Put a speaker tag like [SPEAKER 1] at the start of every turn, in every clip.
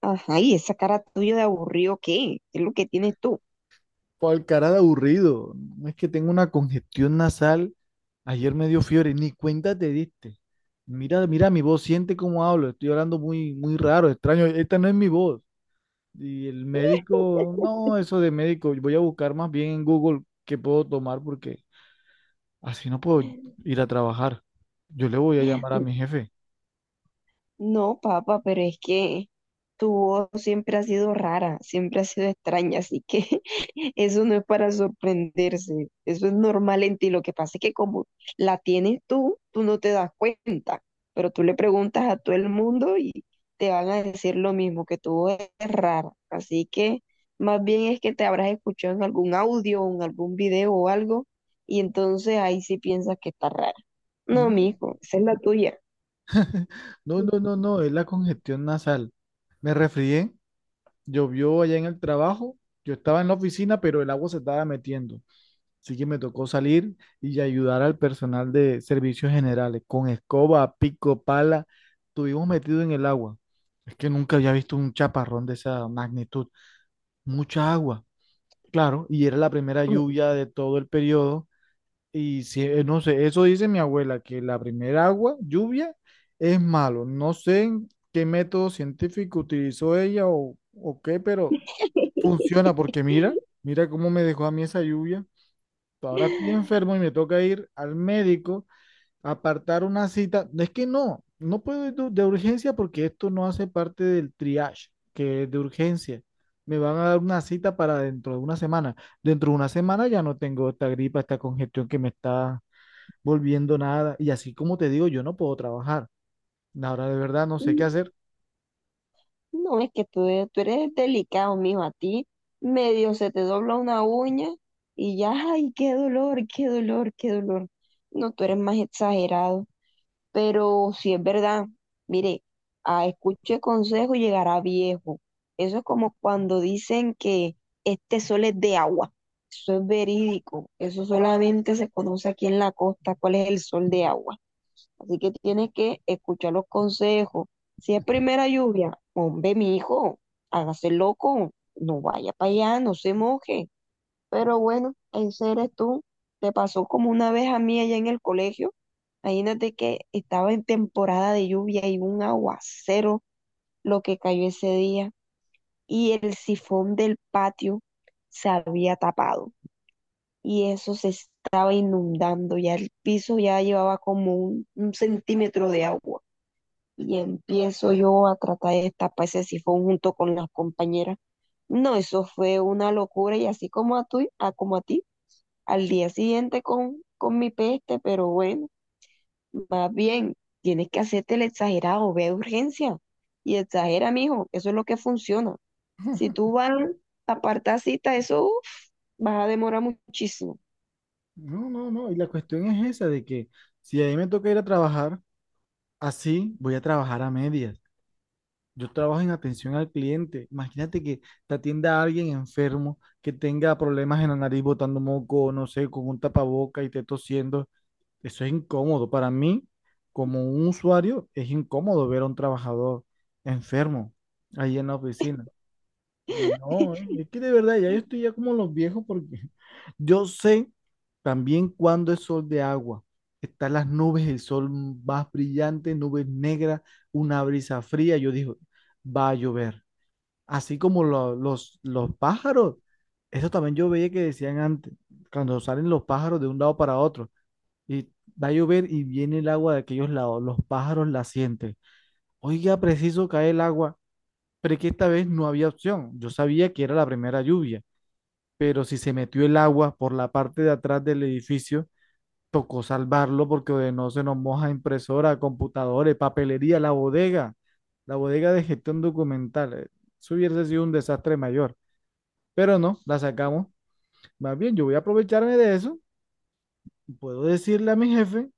[SPEAKER 1] Ajá, y esa cara tuya de aburrido, ¿qué? ¿Qué es lo que tienes tú?
[SPEAKER 2] Por el cara de aburrido. No es que tengo una congestión nasal. Ayer me dio fiebre, ni cuenta te diste. Mira, mira mi voz, siente cómo hablo. Estoy hablando muy, muy raro, extraño. Esta no es mi voz. Y el médico, no, eso de médico. Voy a buscar más bien en Google qué puedo tomar porque así no puedo ir a trabajar. Yo le voy a llamar a mi jefe.
[SPEAKER 1] No, papá, pero es que tu voz siempre ha sido rara, siempre ha sido extraña, así que eso no es para sorprenderse, eso es normal en ti. Lo que pasa es que como la tienes tú, tú no te das cuenta, pero tú le preguntas a todo el mundo y te van a decir lo mismo, que tu voz es rara. Así que más bien es que te habrás escuchado en algún audio, o en algún video o algo, y entonces ahí sí piensas que está rara. No,
[SPEAKER 2] Mm,
[SPEAKER 1] mijo, esa es la tuya.
[SPEAKER 2] no, no, no, no, es la congestión nasal. Me resfrié, llovió allá en el trabajo. Yo estaba en la oficina, pero el agua se estaba metiendo. Así que me tocó salir y ayudar al personal de servicios generales con escoba, pico, pala. Estuvimos metidos en el agua. Es que nunca había visto un chaparrón de esa magnitud. Mucha agua, claro, y era la primera lluvia de todo el periodo. Y si, no sé, eso dice mi abuela, que la primera agua, lluvia, es malo. No sé en qué método científico utilizó ella o qué, pero funciona porque mira, mira cómo me dejó a mí esa lluvia. Ahora estoy enfermo y me toca ir al médico, apartar una cita. Es que no, no puedo ir de urgencia porque esto no hace parte del triage, que es de urgencia. Me van a dar una cita para dentro de una semana. Dentro de una semana ya no tengo esta gripa, esta congestión que me está volviendo nada. Y así como te digo, yo no puedo trabajar. Ahora de verdad no sé qué
[SPEAKER 1] Mm.
[SPEAKER 2] hacer.
[SPEAKER 1] No, es que tú, tú eres delicado, mijo. A ti medio se te dobla una uña y ya, ay, qué dolor, qué dolor, qué dolor. No, tú eres más exagerado. Pero si es verdad, mire, a escuche consejo llegará viejo. Eso es como cuando dicen que este sol es de agua. Eso es verídico. Eso solamente se conoce aquí en la costa, cuál es el sol de agua. Así que tienes que escuchar los consejos. Si es primera lluvia, hombre, mi hijo, hágase loco, no vaya para allá, no se moje. Pero bueno, ese eres tú. Te pasó como una vez a mí allá en el colegio. Imagínate que estaba en temporada de lluvia y un aguacero lo que cayó ese día y el sifón del patio se había tapado y eso se estaba inundando, ya el piso ya llevaba como un centímetro de agua y empiezo yo a tratar de tapar ese sifón junto con las compañeras. No, eso fue una locura y así como a, tu, a, como a ti, al día siguiente con mi peste, pero bueno, más bien, tienes que hacerte el exagerado, ve a urgencia y exagera, mijo, eso es lo que funciona. Si tú vas a apartar cita, eso uf, vas a demorar muchísimo.
[SPEAKER 2] No, no, no. Y la cuestión es esa de que si a mí me toca ir a trabajar, así voy a trabajar a medias. Yo trabajo en atención al cliente. Imagínate que te atienda alguien enfermo que tenga problemas en la nariz botando moco, no sé, con un tapaboca y te tosiendo. Eso es incómodo. Para mí, como un usuario, es incómodo ver a un trabajador enfermo ahí en la oficina. Sí, no, es que de verdad ya yo estoy ya como los viejos porque yo sé también cuando es sol de agua. Están las nubes, el sol más brillante, nubes negras, una brisa fría. Yo digo, va a llover. Así como los pájaros. Eso también yo veía que decían antes, cuando salen los pájaros de un lado para otro. Y va a llover y viene el agua de aquellos lados. Los pájaros la sienten. Oiga, preciso cae el agua. Pero es que esta vez no había opción. Yo sabía que era la primera lluvia, pero si se metió el agua por la parte de atrás del edificio, tocó salvarlo porque de no se nos moja impresora, computadores, papelería, la bodega de gestión documental. Eso hubiese sido un desastre mayor, pero no, la sacamos. Más bien, yo voy a aprovecharme de eso. Puedo decirle a mi jefe,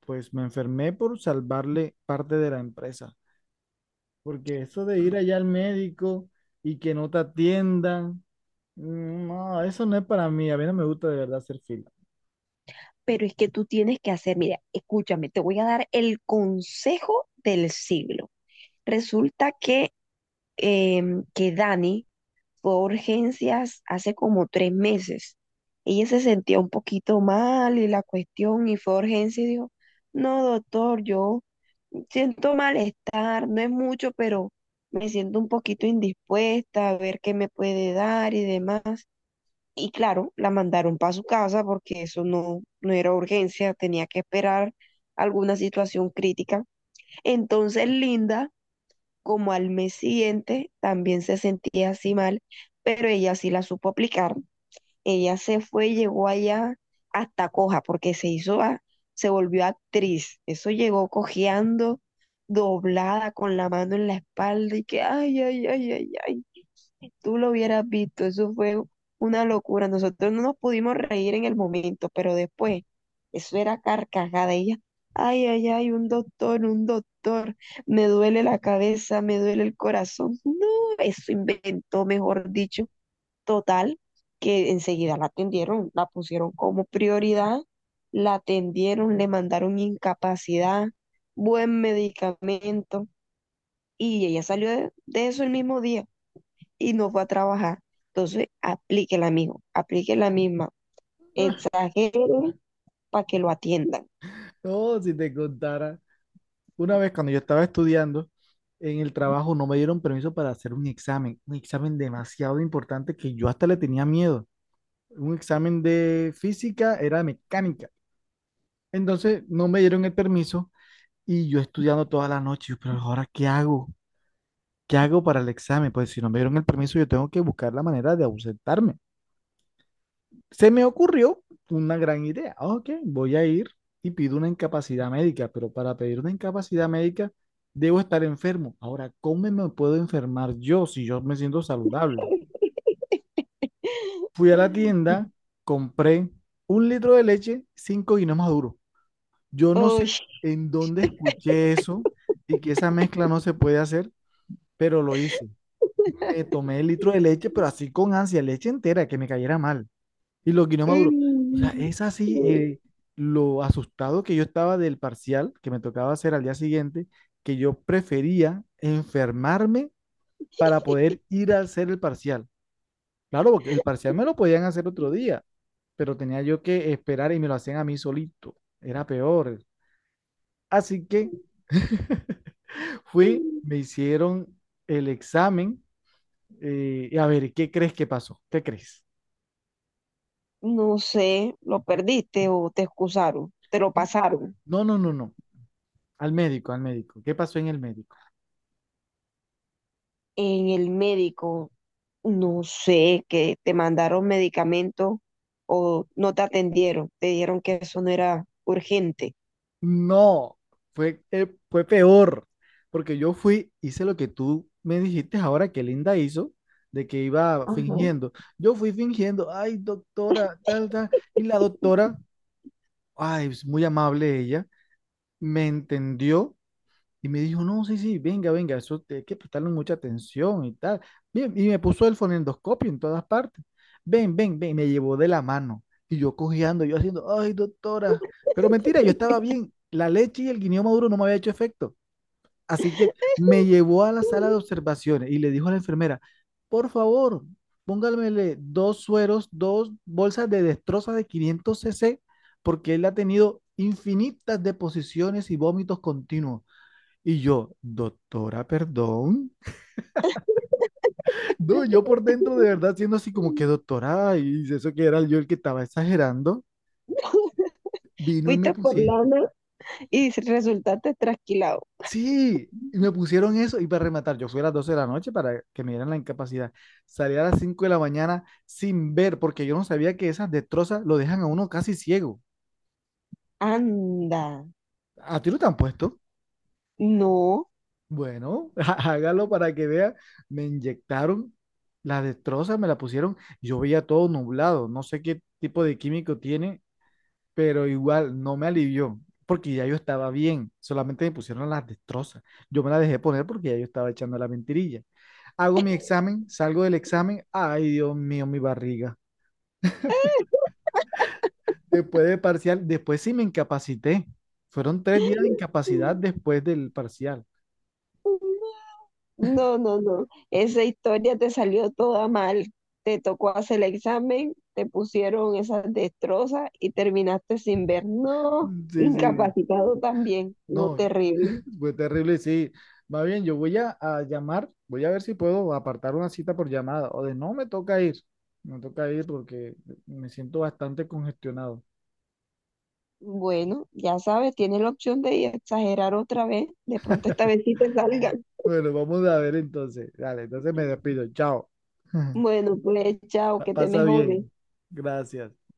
[SPEAKER 2] pues me enfermé por salvarle parte de la empresa, porque eso de ir allá al médico y que no te atiendan. Mm, no, eso no es para mí. A mí no me gusta de verdad hacer fila.
[SPEAKER 1] Pero es que tú tienes que hacer, mira, escúchame, te voy a dar el consejo del siglo. Resulta que que Dani fue a urgencias hace como tres meses. Ella se sentía un poquito mal y la cuestión y fue a urgencias y dijo, no, doctor, yo siento malestar, no es mucho, pero me siento un poquito indispuesta a ver qué me puede dar y demás. Y claro, la mandaron para su casa porque eso no, no era urgencia, tenía que esperar alguna situación crítica. Entonces, Linda como al mes siguiente también se sentía así mal, pero ella sí la supo aplicar. Ella se fue, llegó allá hasta coja, porque se hizo, se volvió actriz. Eso llegó cojeando, doblada, con la mano en la espalda y que, ay, ay, ay, ay, ay. Tú lo hubieras visto, eso fue una locura. Nosotros no nos pudimos reír en el momento, pero después, eso era carcajada. Ella, ay, ay, ay, un doctor, me duele la cabeza, me duele el corazón. No, eso inventó, mejor dicho, total, que enseguida la atendieron, la pusieron como prioridad, la atendieron, le mandaron incapacidad, buen medicamento, y ella salió de eso el mismo día y no fue a trabajar. Entonces, aplíquela, amigo, aplíquela misma. Exagere para que lo atiendan.
[SPEAKER 2] Oh, si te contara. Una vez cuando yo estaba estudiando en el trabajo, no me dieron permiso para hacer un examen. Un examen demasiado importante que yo hasta le tenía miedo. Un examen de física, era de mecánica. Entonces no me dieron el permiso y yo estudiando toda la noche. Yo, pero ahora, ¿qué hago? ¿Qué hago para el examen? Pues si no me dieron el permiso, yo tengo que buscar la manera de ausentarme. Se me ocurrió una gran idea. Ah, Ok, voy a ir y pido una incapacidad médica, pero para pedir una incapacidad médica debo estar enfermo. Ahora, ¿cómo me puedo enfermar yo si yo me siento saludable? Fui a la tienda, compré un litro de leche, 5 guineos maduros. Yo no sé
[SPEAKER 1] Uy.
[SPEAKER 2] en dónde escuché eso y que esa mezcla no se puede hacer, pero lo hice. Me tomé el litro de leche, pero así con ansia, leche entera, que me cayera mal. Y lo guinó Maduro. O sea,
[SPEAKER 1] Mm,
[SPEAKER 2] es así lo asustado que yo estaba del parcial que me tocaba hacer al día siguiente, que yo prefería enfermarme para poder ir a hacer el parcial. Claro, porque el parcial me lo podían hacer otro día, pero tenía yo que esperar y me lo hacían a mí solito. Era peor. Así que fui, me hicieron el examen. Y a ver, ¿qué crees que pasó? ¿Qué crees?
[SPEAKER 1] no sé, lo perdiste o te excusaron, te lo pasaron.
[SPEAKER 2] No, no, no, no. Al médico, al médico. ¿Qué pasó en el médico?
[SPEAKER 1] En el médico, no sé, que te mandaron medicamentos o no te atendieron, te dijeron que eso no era urgente.
[SPEAKER 2] No, fue, fue peor, porque yo fui, hice lo que tú me dijiste ahora que Linda hizo, de que iba
[SPEAKER 1] Ajá.
[SPEAKER 2] fingiendo. Yo fui fingiendo, ay, doctora, tal, tal, y la doctora, ay, es muy amable ella, me entendió y me dijo, no, sí, sí, venga, venga, hay que prestarle mucha atención y tal. Bien, y me puso el fonendoscopio en todas partes. Ven, ven, ven, me llevó de la mano. Y yo cojeando, yo haciendo, ay, doctora. Pero mentira, yo estaba bien. La leche y el guineo maduro no me había hecho efecto. Así que me llevó a la sala de observaciones y le dijo a la enfermera, por favor, póngamele dos sueros, dos bolsas de destroza de 500 cc, porque él ha tenido infinitas deposiciones y vómitos continuos. Y yo, doctora, perdón. No, yo por dentro de verdad siendo así como que doctora, y si eso que era yo el que estaba exagerando, vino y me
[SPEAKER 1] Fuiste por
[SPEAKER 2] pusieron,
[SPEAKER 1] lana y resultaste trasquilado.
[SPEAKER 2] sí, y me pusieron eso y para rematar, yo fui a las 12 de la noche para que me dieran la incapacidad. Salí a las 5 de la mañana sin ver, porque yo no sabía que esas destrozas lo dejan a uno casi ciego.
[SPEAKER 1] Anda.
[SPEAKER 2] ¿A ti lo te han puesto?
[SPEAKER 1] No,
[SPEAKER 2] Bueno, hágalo para que vea. Me inyectaron la destroza, me la pusieron, yo veía todo nublado, no sé qué tipo de químico tiene pero igual no me alivió, porque ya yo estaba bien, solamente me pusieron las destrozas. Yo me las dejé poner porque ya yo estaba echando la mentirilla. Hago mi examen, salgo del examen, ay Dios mío, mi barriga. Después del parcial, después sí me incapacité. Fueron 3 días de incapacidad después del parcial.
[SPEAKER 1] no, no, no. Esa historia te salió toda mal. Te tocó hacer el examen, te pusieron esas destrozas y terminaste sin ver. No,
[SPEAKER 2] Sí, sí,
[SPEAKER 1] incapacitado también. No,
[SPEAKER 2] no,
[SPEAKER 1] terrible.
[SPEAKER 2] fue terrible, sí. Más bien, yo voy a llamar, voy a ver si puedo apartar una cita por llamada o de no me toca ir, me toca ir porque me siento bastante congestionado.
[SPEAKER 1] Bueno, ya sabes, tienes la opción de exagerar otra vez. De pronto esta vez sí te salgan.
[SPEAKER 2] Bueno, vamos a ver entonces. Dale, entonces me despido. Chao.
[SPEAKER 1] Bueno, pues chao, que te
[SPEAKER 2] Pasa
[SPEAKER 1] mejores.
[SPEAKER 2] bien. Gracias.